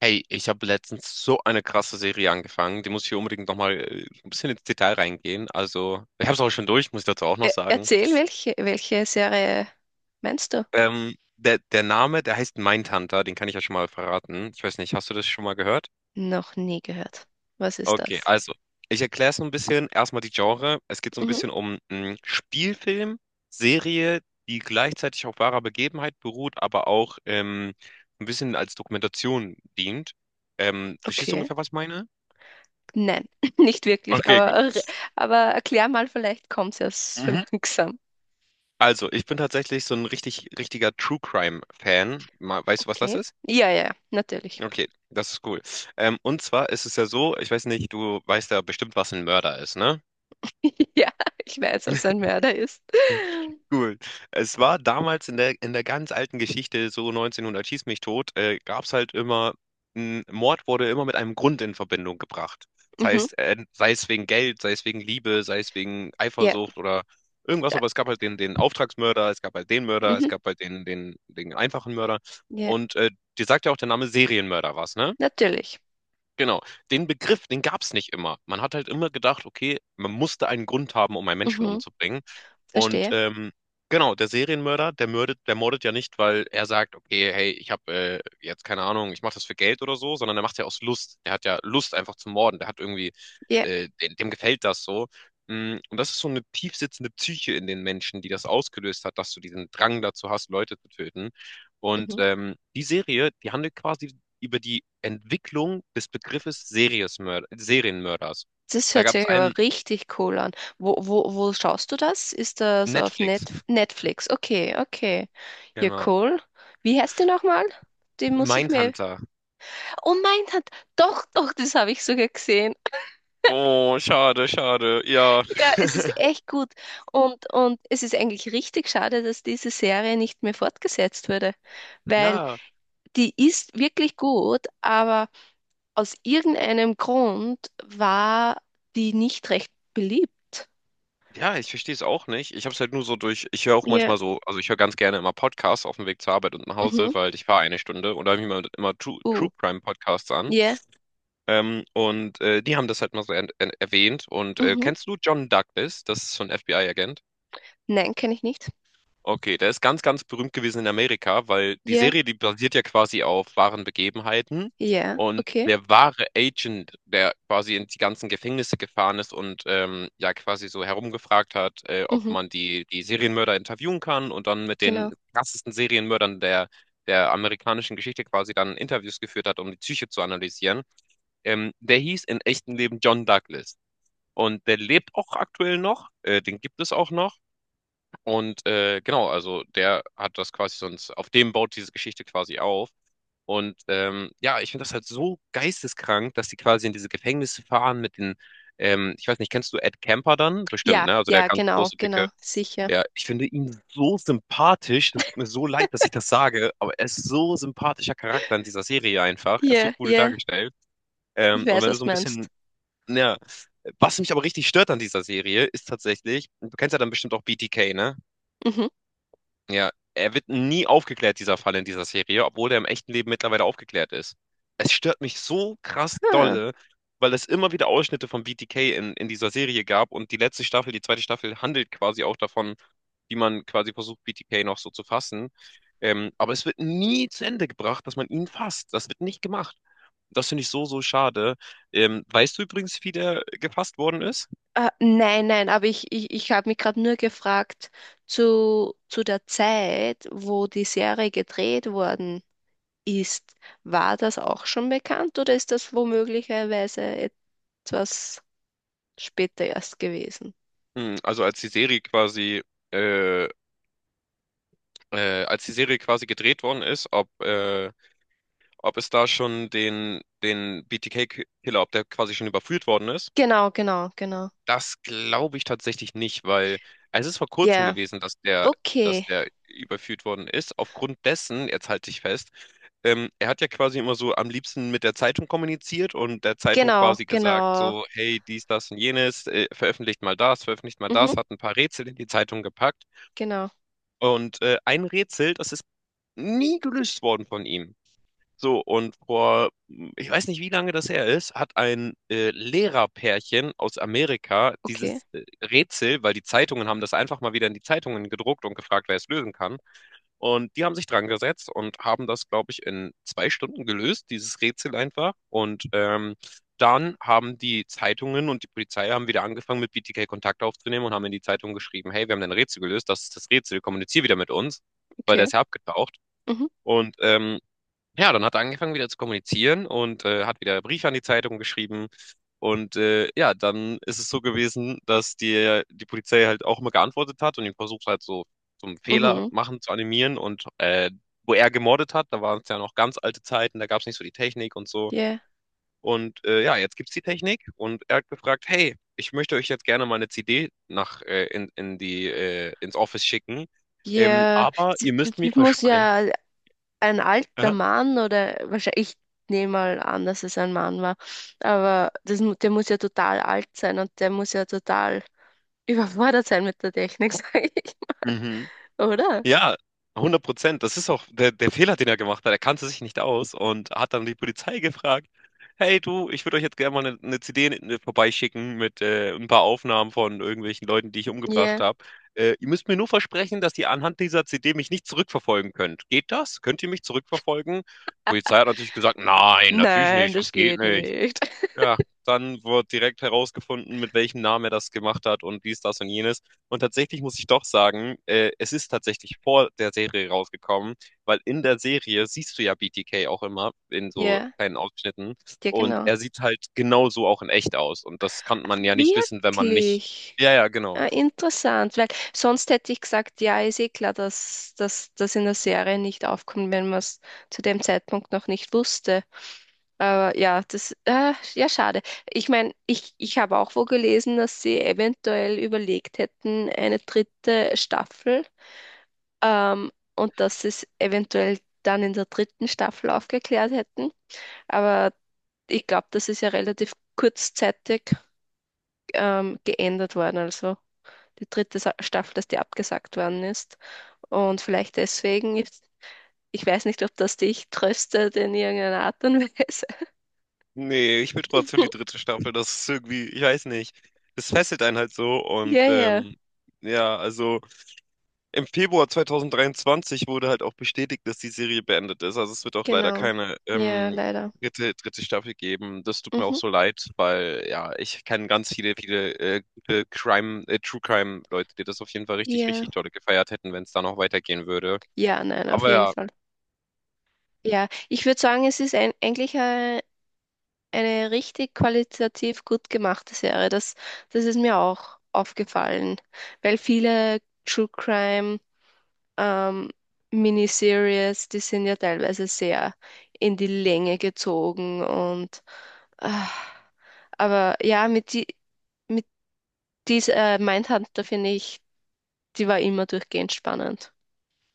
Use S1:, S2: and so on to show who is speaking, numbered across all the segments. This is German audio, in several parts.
S1: Hey, ich habe letztens so eine krasse Serie angefangen. Die muss ich unbedingt nochmal ein bisschen ins Detail reingehen. Also, ich habe es auch schon durch, muss ich dazu auch noch sagen.
S2: Erzähl, welche, welche Serie meinst du?
S1: Der Name, der heißt Mindhunter, den kann ich ja schon mal verraten. Ich weiß nicht, hast du das schon mal gehört?
S2: Noch nie gehört. Was ist
S1: Okay,
S2: das?
S1: also, ich erkläre so ein bisschen. Erstmal die Genre. Es geht so ein
S2: Mhm.
S1: bisschen um einen Spielfilm, Serie, die gleichzeitig auf wahrer Begebenheit beruht, aber auch ein bisschen als Dokumentation dient. Verstehst du
S2: Okay.
S1: ungefähr, was ich meine?
S2: Nein, nicht wirklich,
S1: Okay, gut.
S2: aber erklär mal, vielleicht kommt es erst so
S1: Mhm.
S2: langsam.
S1: Also, ich bin tatsächlich so ein richtig richtiger True-Crime-Fan. Ma weißt du, was das
S2: Okay.
S1: ist?
S2: Ja, ja, natürlich.
S1: Okay, das ist cool. Und zwar ist es ja so, ich weiß nicht, du weißt ja bestimmt, was ein Mörder ist, ne?
S2: Ja, ich weiß, was ein Mörder ist.
S1: Cool. Es war damals in der ganz alten Geschichte, so 1900 schieß mich tot, gab es halt immer, ein Mord wurde immer mit einem Grund in Verbindung gebracht. Das
S2: Mhm.
S1: heißt, sei es wegen Geld, sei es wegen Liebe, sei es wegen
S2: Ja,
S1: Eifersucht oder irgendwas,
S2: Sa-
S1: aber es gab halt den Auftragsmörder, es gab halt den Mörder, es
S2: mhm.
S1: gab halt den einfachen Mörder.
S2: Ja,
S1: Und dir sagt ja auch der Name Serienmörder was, ne?
S2: natürlich.
S1: Genau, den Begriff, den gab es nicht immer. Man hat halt immer gedacht, okay, man musste einen Grund haben, um einen Menschen
S2: Mhm.
S1: umzubringen. Und
S2: Verstehe.
S1: genau, der Serienmörder, der mördet, der mordet ja nicht, weil er sagt, okay, hey, ich habe jetzt keine Ahnung, ich mache das für Geld oder so, sondern er macht ja aus Lust. Der hat ja Lust einfach zu morden. Der hat irgendwie,
S2: Ja.
S1: dem gefällt das so. Und das ist so eine tiefsitzende Psyche in den Menschen, die das ausgelöst hat, dass du diesen Drang dazu hast, Leute zu töten. Und
S2: Mhm.
S1: die Serie, die handelt quasi über die Entwicklung des Begriffes Seriesmörd Serienmörders.
S2: Das
S1: Da
S2: hört
S1: gab es
S2: sich aber
S1: einen
S2: richtig cool an. Wo schaust du das? Ist das auf
S1: Netflix,
S2: Netflix? Okay, okay. Ja,
S1: genau.
S2: cool. Wie heißt die nochmal? Die muss ich mir.
S1: Mindhunter.
S2: Oh mein Gott, doch, doch, das habe ich sogar gesehen.
S1: Oh, schade, schade. Ja.
S2: Ja, es ist echt gut. Und es ist eigentlich richtig schade, dass diese Serie nicht mehr fortgesetzt wurde, weil
S1: Ja,
S2: die ist wirklich gut, aber aus irgendeinem Grund war die nicht recht beliebt.
S1: ja, ich verstehe es auch nicht. Ich habe es halt nur so durch, ich höre auch
S2: Ja.
S1: manchmal so, also ich höre ganz gerne immer Podcasts auf dem Weg zur Arbeit und nach Hause,
S2: Mhm.
S1: weil ich fahre 1 Stunde und da höre ich mir immer True,
S2: Uh.
S1: True Crime Podcasts an.
S2: Ja,
S1: Die haben das halt mal so erwähnt. Und
S2: mhm.
S1: kennst du John Douglas? Das ist so ein FBI-Agent.
S2: Nein, kenne ich nicht.
S1: Okay, der ist ganz berühmt gewesen in Amerika, weil die
S2: Ja,
S1: Serie, die basiert ja quasi auf wahren Begebenheiten.
S2: ja,
S1: Und
S2: okay.
S1: der wahre Agent, der quasi in die ganzen Gefängnisse gefahren ist und ja quasi so herumgefragt hat, ob
S2: Mhm,
S1: man die Serienmörder interviewen kann und dann mit den
S2: genau.
S1: krassesten Serienmördern der amerikanischen Geschichte quasi dann Interviews geführt hat, um die Psyche zu analysieren, der hieß in echtem Leben John Douglas. Und der lebt auch aktuell noch, den gibt es auch noch. Und genau, also der hat das quasi sonst, auf dem baut diese Geschichte quasi auf. Und ja, ich finde das halt so geisteskrank, dass die quasi in diese Gefängnisse fahren mit den, ich weiß nicht, kennst du Ed Kemper dann? Bestimmt,
S2: Ja,
S1: ne? Also der
S2: ja,
S1: ganz
S2: genau,
S1: große, dicke.
S2: genau, sicher.
S1: Ja, ich finde ihn so sympathisch. Das tut mir so leid, dass ich das sage, aber er ist so sympathischer Charakter in dieser Serie einfach. Er ist so
S2: Ja,
S1: cool
S2: ja,
S1: dargestellt.
S2: ich
S1: Und
S2: weiß,
S1: wenn du
S2: was
S1: so
S2: du
S1: ein
S2: meinst.
S1: bisschen, ja, was mich aber richtig stört an dieser Serie, ist tatsächlich, du kennst ja dann bestimmt auch BTK, ne?
S2: Mhm.
S1: Ja, er wird nie aufgeklärt, dieser Fall in dieser Serie, obwohl er im echten Leben mittlerweile aufgeklärt ist. Es stört mich so krass
S2: Hm.
S1: dolle, weil es immer wieder Ausschnitte von BTK in dieser Serie gab und die letzte Staffel, die zweite Staffel, handelt quasi auch davon, wie man quasi versucht, BTK noch so zu fassen. Aber es wird nie zu Ende gebracht, dass man ihn fasst. Das wird nicht gemacht. Das finde ich so schade. Weißt du übrigens, wie der gefasst worden ist?
S2: Nein, nein, aber ich habe mich gerade nur gefragt zu der Zeit, wo die Serie gedreht worden ist. War das auch schon bekannt oder ist das womöglicherweise etwas später erst gewesen?
S1: Hm, also äh, als die Serie quasi gedreht worden ist, ob es da schon den B T K killer ob der quasi schon überführt worden ist.
S2: Genau, genau, genau.
S1: Das glaube ich tatsächlich nicht, weil es ist vor kurzem
S2: Ja,
S1: gewesen, dass
S2: okay,
S1: der überführt worden ist. Aufgrund dessen, jetzt halte ich fest, er hat ja quasi immer so am liebsten mit der Zeitung kommuniziert und der Zeitung
S2: genau,
S1: quasi gesagt,
S2: genau.
S1: so, hey, dies, das und jenes, veröffentlicht mal das,
S2: Mhm,
S1: hat ein paar Rätsel in die Zeitung gepackt.
S2: genau.
S1: Und ein Rätsel, das ist nie gelöst worden von ihm. So, und vor, ich weiß nicht, wie lange das her ist, hat ein Lehrerpärchen aus Amerika
S2: Okay,
S1: dieses Rätsel, weil die Zeitungen haben das einfach mal wieder in die Zeitungen gedruckt und gefragt, wer es lösen kann. Und die haben sich dran gesetzt und haben das, glaube ich, in 2 Stunden gelöst, dieses Rätsel einfach. Und dann haben die Zeitungen und die Polizei haben wieder angefangen, mit BTK Kontakt aufzunehmen und haben in die Zeitung geschrieben, hey, wir haben dein Rätsel gelöst, das ist das Rätsel, kommunizier wieder mit uns, weil der
S2: okay.
S1: ist ja abgetaucht.
S2: Mhm,
S1: Und ja, dann hat er angefangen wieder zu kommunizieren und hat wieder Briefe an die Zeitung geschrieben. Und ja, dann ist es so gewesen, dass die Polizei halt auch immer geantwortet hat und ihn versucht halt so zum Fehler
S2: mhm.
S1: machen zu animieren. Und wo er gemordet hat, da waren es ja noch ganz alte Zeiten, da gab es nicht so die Technik und so.
S2: Ja,
S1: Und ja, jetzt gibt's die Technik und er hat gefragt, hey, ich möchte euch jetzt gerne mal eine CD nach in die ins Office schicken,
S2: ja,
S1: aber ihr
S2: das,
S1: müsst mir
S2: das muss
S1: versprechen.
S2: ja ein alter
S1: Aha.
S2: Mann oder wahrscheinlich, ich nehme mal an, dass es ein Mann war, aber das, der muss ja total alt sein und der muss ja total überfordert sein mit der Technik, sage ich.
S1: Mhm.
S2: Oder?
S1: Ja, 100%. Das ist auch der Fehler, den er gemacht hat. Er kannte sich nicht aus und hat dann die Polizei gefragt: Hey, du, ich würde euch jetzt gerne mal eine CD vorbeischicken mit ein paar Aufnahmen von irgendwelchen Leuten, die ich umgebracht
S2: Ja,
S1: habe. Ihr müsst mir nur versprechen, dass ihr anhand dieser CD mich nicht zurückverfolgen könnt. Geht das? Könnt ihr mich zurückverfolgen? Die Polizei hat natürlich gesagt: Nein, natürlich
S2: nein,
S1: nicht. Das
S2: das
S1: geht
S2: geht
S1: nicht.
S2: nicht.
S1: Ja, dann wird direkt herausgefunden, mit welchem Namen er das gemacht hat und dies, das und jenes. Und tatsächlich muss ich doch sagen, es ist tatsächlich vor der Serie rausgekommen, weil in der Serie siehst du ja BTK auch immer in so
S2: Ja,
S1: kleinen Ausschnitten
S2: ja,
S1: und
S2: genau.
S1: er sieht halt genauso auch in echt aus. Und das kann man ja nicht wissen, wenn man nicht.
S2: Wirklich?
S1: Ja, ja, genau.
S2: Ah, interessant, weil sonst hätte ich gesagt, ja, ist eh klar, dass das in der Serie nicht aufkommt, wenn man es zu dem Zeitpunkt noch nicht wusste. Aber ja, das, ja, schade. Ich meine, ich habe auch wo gelesen, dass sie eventuell überlegt hätten, eine dritte Staffel, ähm, und dass sie es eventuell dann in der dritten Staffel aufgeklärt hätten. Aber ich glaube, das ist ja relativ kurzzeitig geändert worden. Also die dritte Sa Staffel, dass die abgesagt worden ist. Und vielleicht deswegen, ich weiß nicht, ob das dich tröstet in irgendeiner Art und Weise.
S1: Nee, ich will trotzdem die dritte Staffel. Das ist irgendwie, ich weiß nicht. Das fesselt einen halt so und
S2: Ja, ja,
S1: ja, also. Im Februar 2023 wurde halt auch bestätigt, dass die Serie beendet ist. Also es wird auch leider
S2: genau.
S1: keine
S2: Ja, leider.
S1: dritte Staffel geben. Das tut mir auch
S2: Mhm.
S1: so leid, weil ja, ich kenne ganz viele, viele gute Crime, True Crime Leute, die das auf jeden Fall richtig,
S2: Ja,
S1: richtig toll gefeiert hätten, wenn es da noch weitergehen würde.
S2: ja, nein, auf
S1: Aber
S2: jeden
S1: ja.
S2: Fall. Ja, ich würde sagen, es ist ein, eigentlich eine richtig qualitativ gut gemachte Serie. Das, das ist mir auch aufgefallen, weil viele True Crime ähm, Miniseries, die sind ja teilweise sehr in die Länge gezogen und ah, aber ja, mit die mit dieser Mindhunter finde ich, die war immer durchgehend spannend.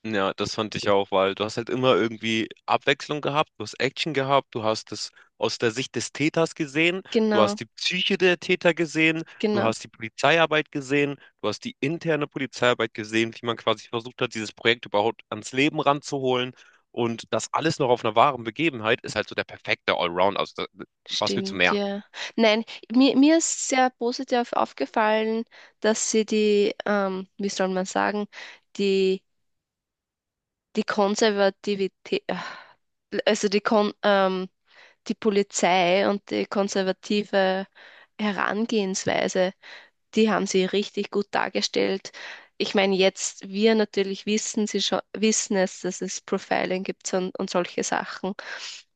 S1: Ja, das fand ich auch, weil du hast halt immer irgendwie Abwechslung gehabt, du hast Action gehabt, du hast es aus der Sicht des Täters gesehen, du
S2: Genau,
S1: hast die Psyche der Täter gesehen, du
S2: genau.
S1: hast die Polizeiarbeit gesehen, du hast die interne Polizeiarbeit gesehen, wie man quasi versucht hat, dieses Projekt überhaupt ans Leben ranzuholen. Und das alles noch auf einer wahren Begebenheit ist halt so der perfekte Allround. Also, da, was willst du
S2: Stimmt,
S1: mehr?
S2: ja. Nein, mir, mir ist sehr positiv aufgefallen, dass sie die, wie soll man sagen, die, die Konservativität, ah, also die Kon, die Polizei und die konservative Herangehensweise die haben sie richtig gut dargestellt. Ich meine, jetzt wir natürlich wissen, sie schon, wissen es, dass es Profiling gibt und solche Sachen.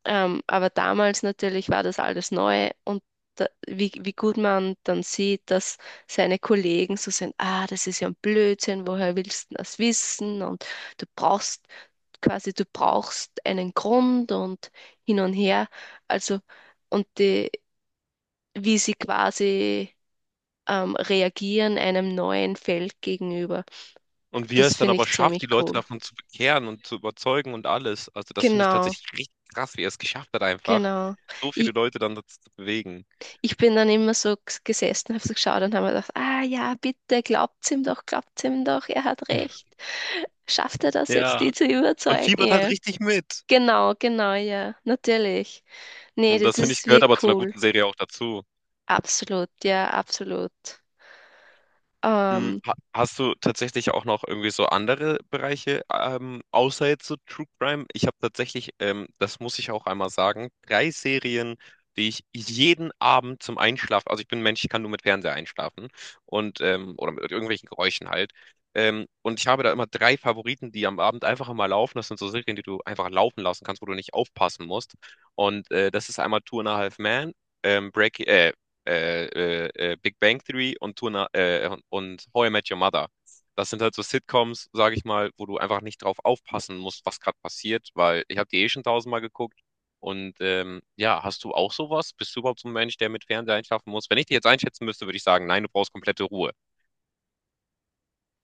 S2: Aber damals natürlich war das alles neu und da, wie, wie gut man dann sieht, dass seine Kollegen so sind, ah, das ist ja ein Blödsinn, woher willst du das wissen? Und du brauchst quasi, du brauchst einen Grund und hin und her. Also, und die, wie sie quasi reagieren einem neuen Feld gegenüber.
S1: Und wie er
S2: Das
S1: es dann
S2: finde
S1: aber
S2: ich
S1: schafft, die
S2: ziemlich
S1: Leute
S2: cool.
S1: davon zu bekehren und zu überzeugen und alles. Also, das finde ich
S2: Genau,
S1: tatsächlich richtig krass, wie er es geschafft hat, einfach.
S2: genau.
S1: So viele
S2: Ich,
S1: Leute dann dazu zu bewegen.
S2: ich bin dann immer so gesessen, habe so geschaut und habe mir gedacht, ah ja, bitte, glaubt's ihm doch, er hat recht. Schafft er das jetzt, die
S1: Ja,
S2: zu
S1: man
S2: überzeugen?
S1: fiebert halt
S2: Ja.
S1: richtig mit.
S2: Genau, genau, ja, natürlich. Nee,
S1: Und das
S2: das
S1: finde ich
S2: ist
S1: gehört aber
S2: wirklich
S1: zu einer
S2: cool.
S1: guten Serie auch dazu.
S2: Absolut, ja, absolut.
S1: Hm,
S2: Ähm,
S1: ha- Hast du tatsächlich auch noch irgendwie so andere Bereiche, außer jetzt so True Crime? Ich habe tatsächlich, das muss ich auch einmal sagen, drei Serien, die ich jeden Abend zum Einschlafen, also ich bin ein Mensch, ich kann nur mit Fernseher einschlafen und oder mit irgendwelchen Geräuschen halt. Und ich habe da immer drei Favoriten, die am Abend einfach immer laufen. Das sind so Serien, die du einfach laufen lassen kannst, wo du nicht aufpassen musst. Und das ist einmal Two and a Half Men, ähm, Breaking, äh, äh, Big Bang Theory und, und How I Met Your Mother. Das sind halt so Sitcoms, sage ich mal, wo du einfach nicht drauf aufpassen musst, was gerade passiert, weil ich habe die eh schon tausendmal geguckt. Und ja, hast du auch sowas? Bist du überhaupt so ein Mensch, der mit Fernseher einschlafen muss? Wenn ich dich jetzt einschätzen müsste, würde ich sagen, nein, du brauchst komplette Ruhe.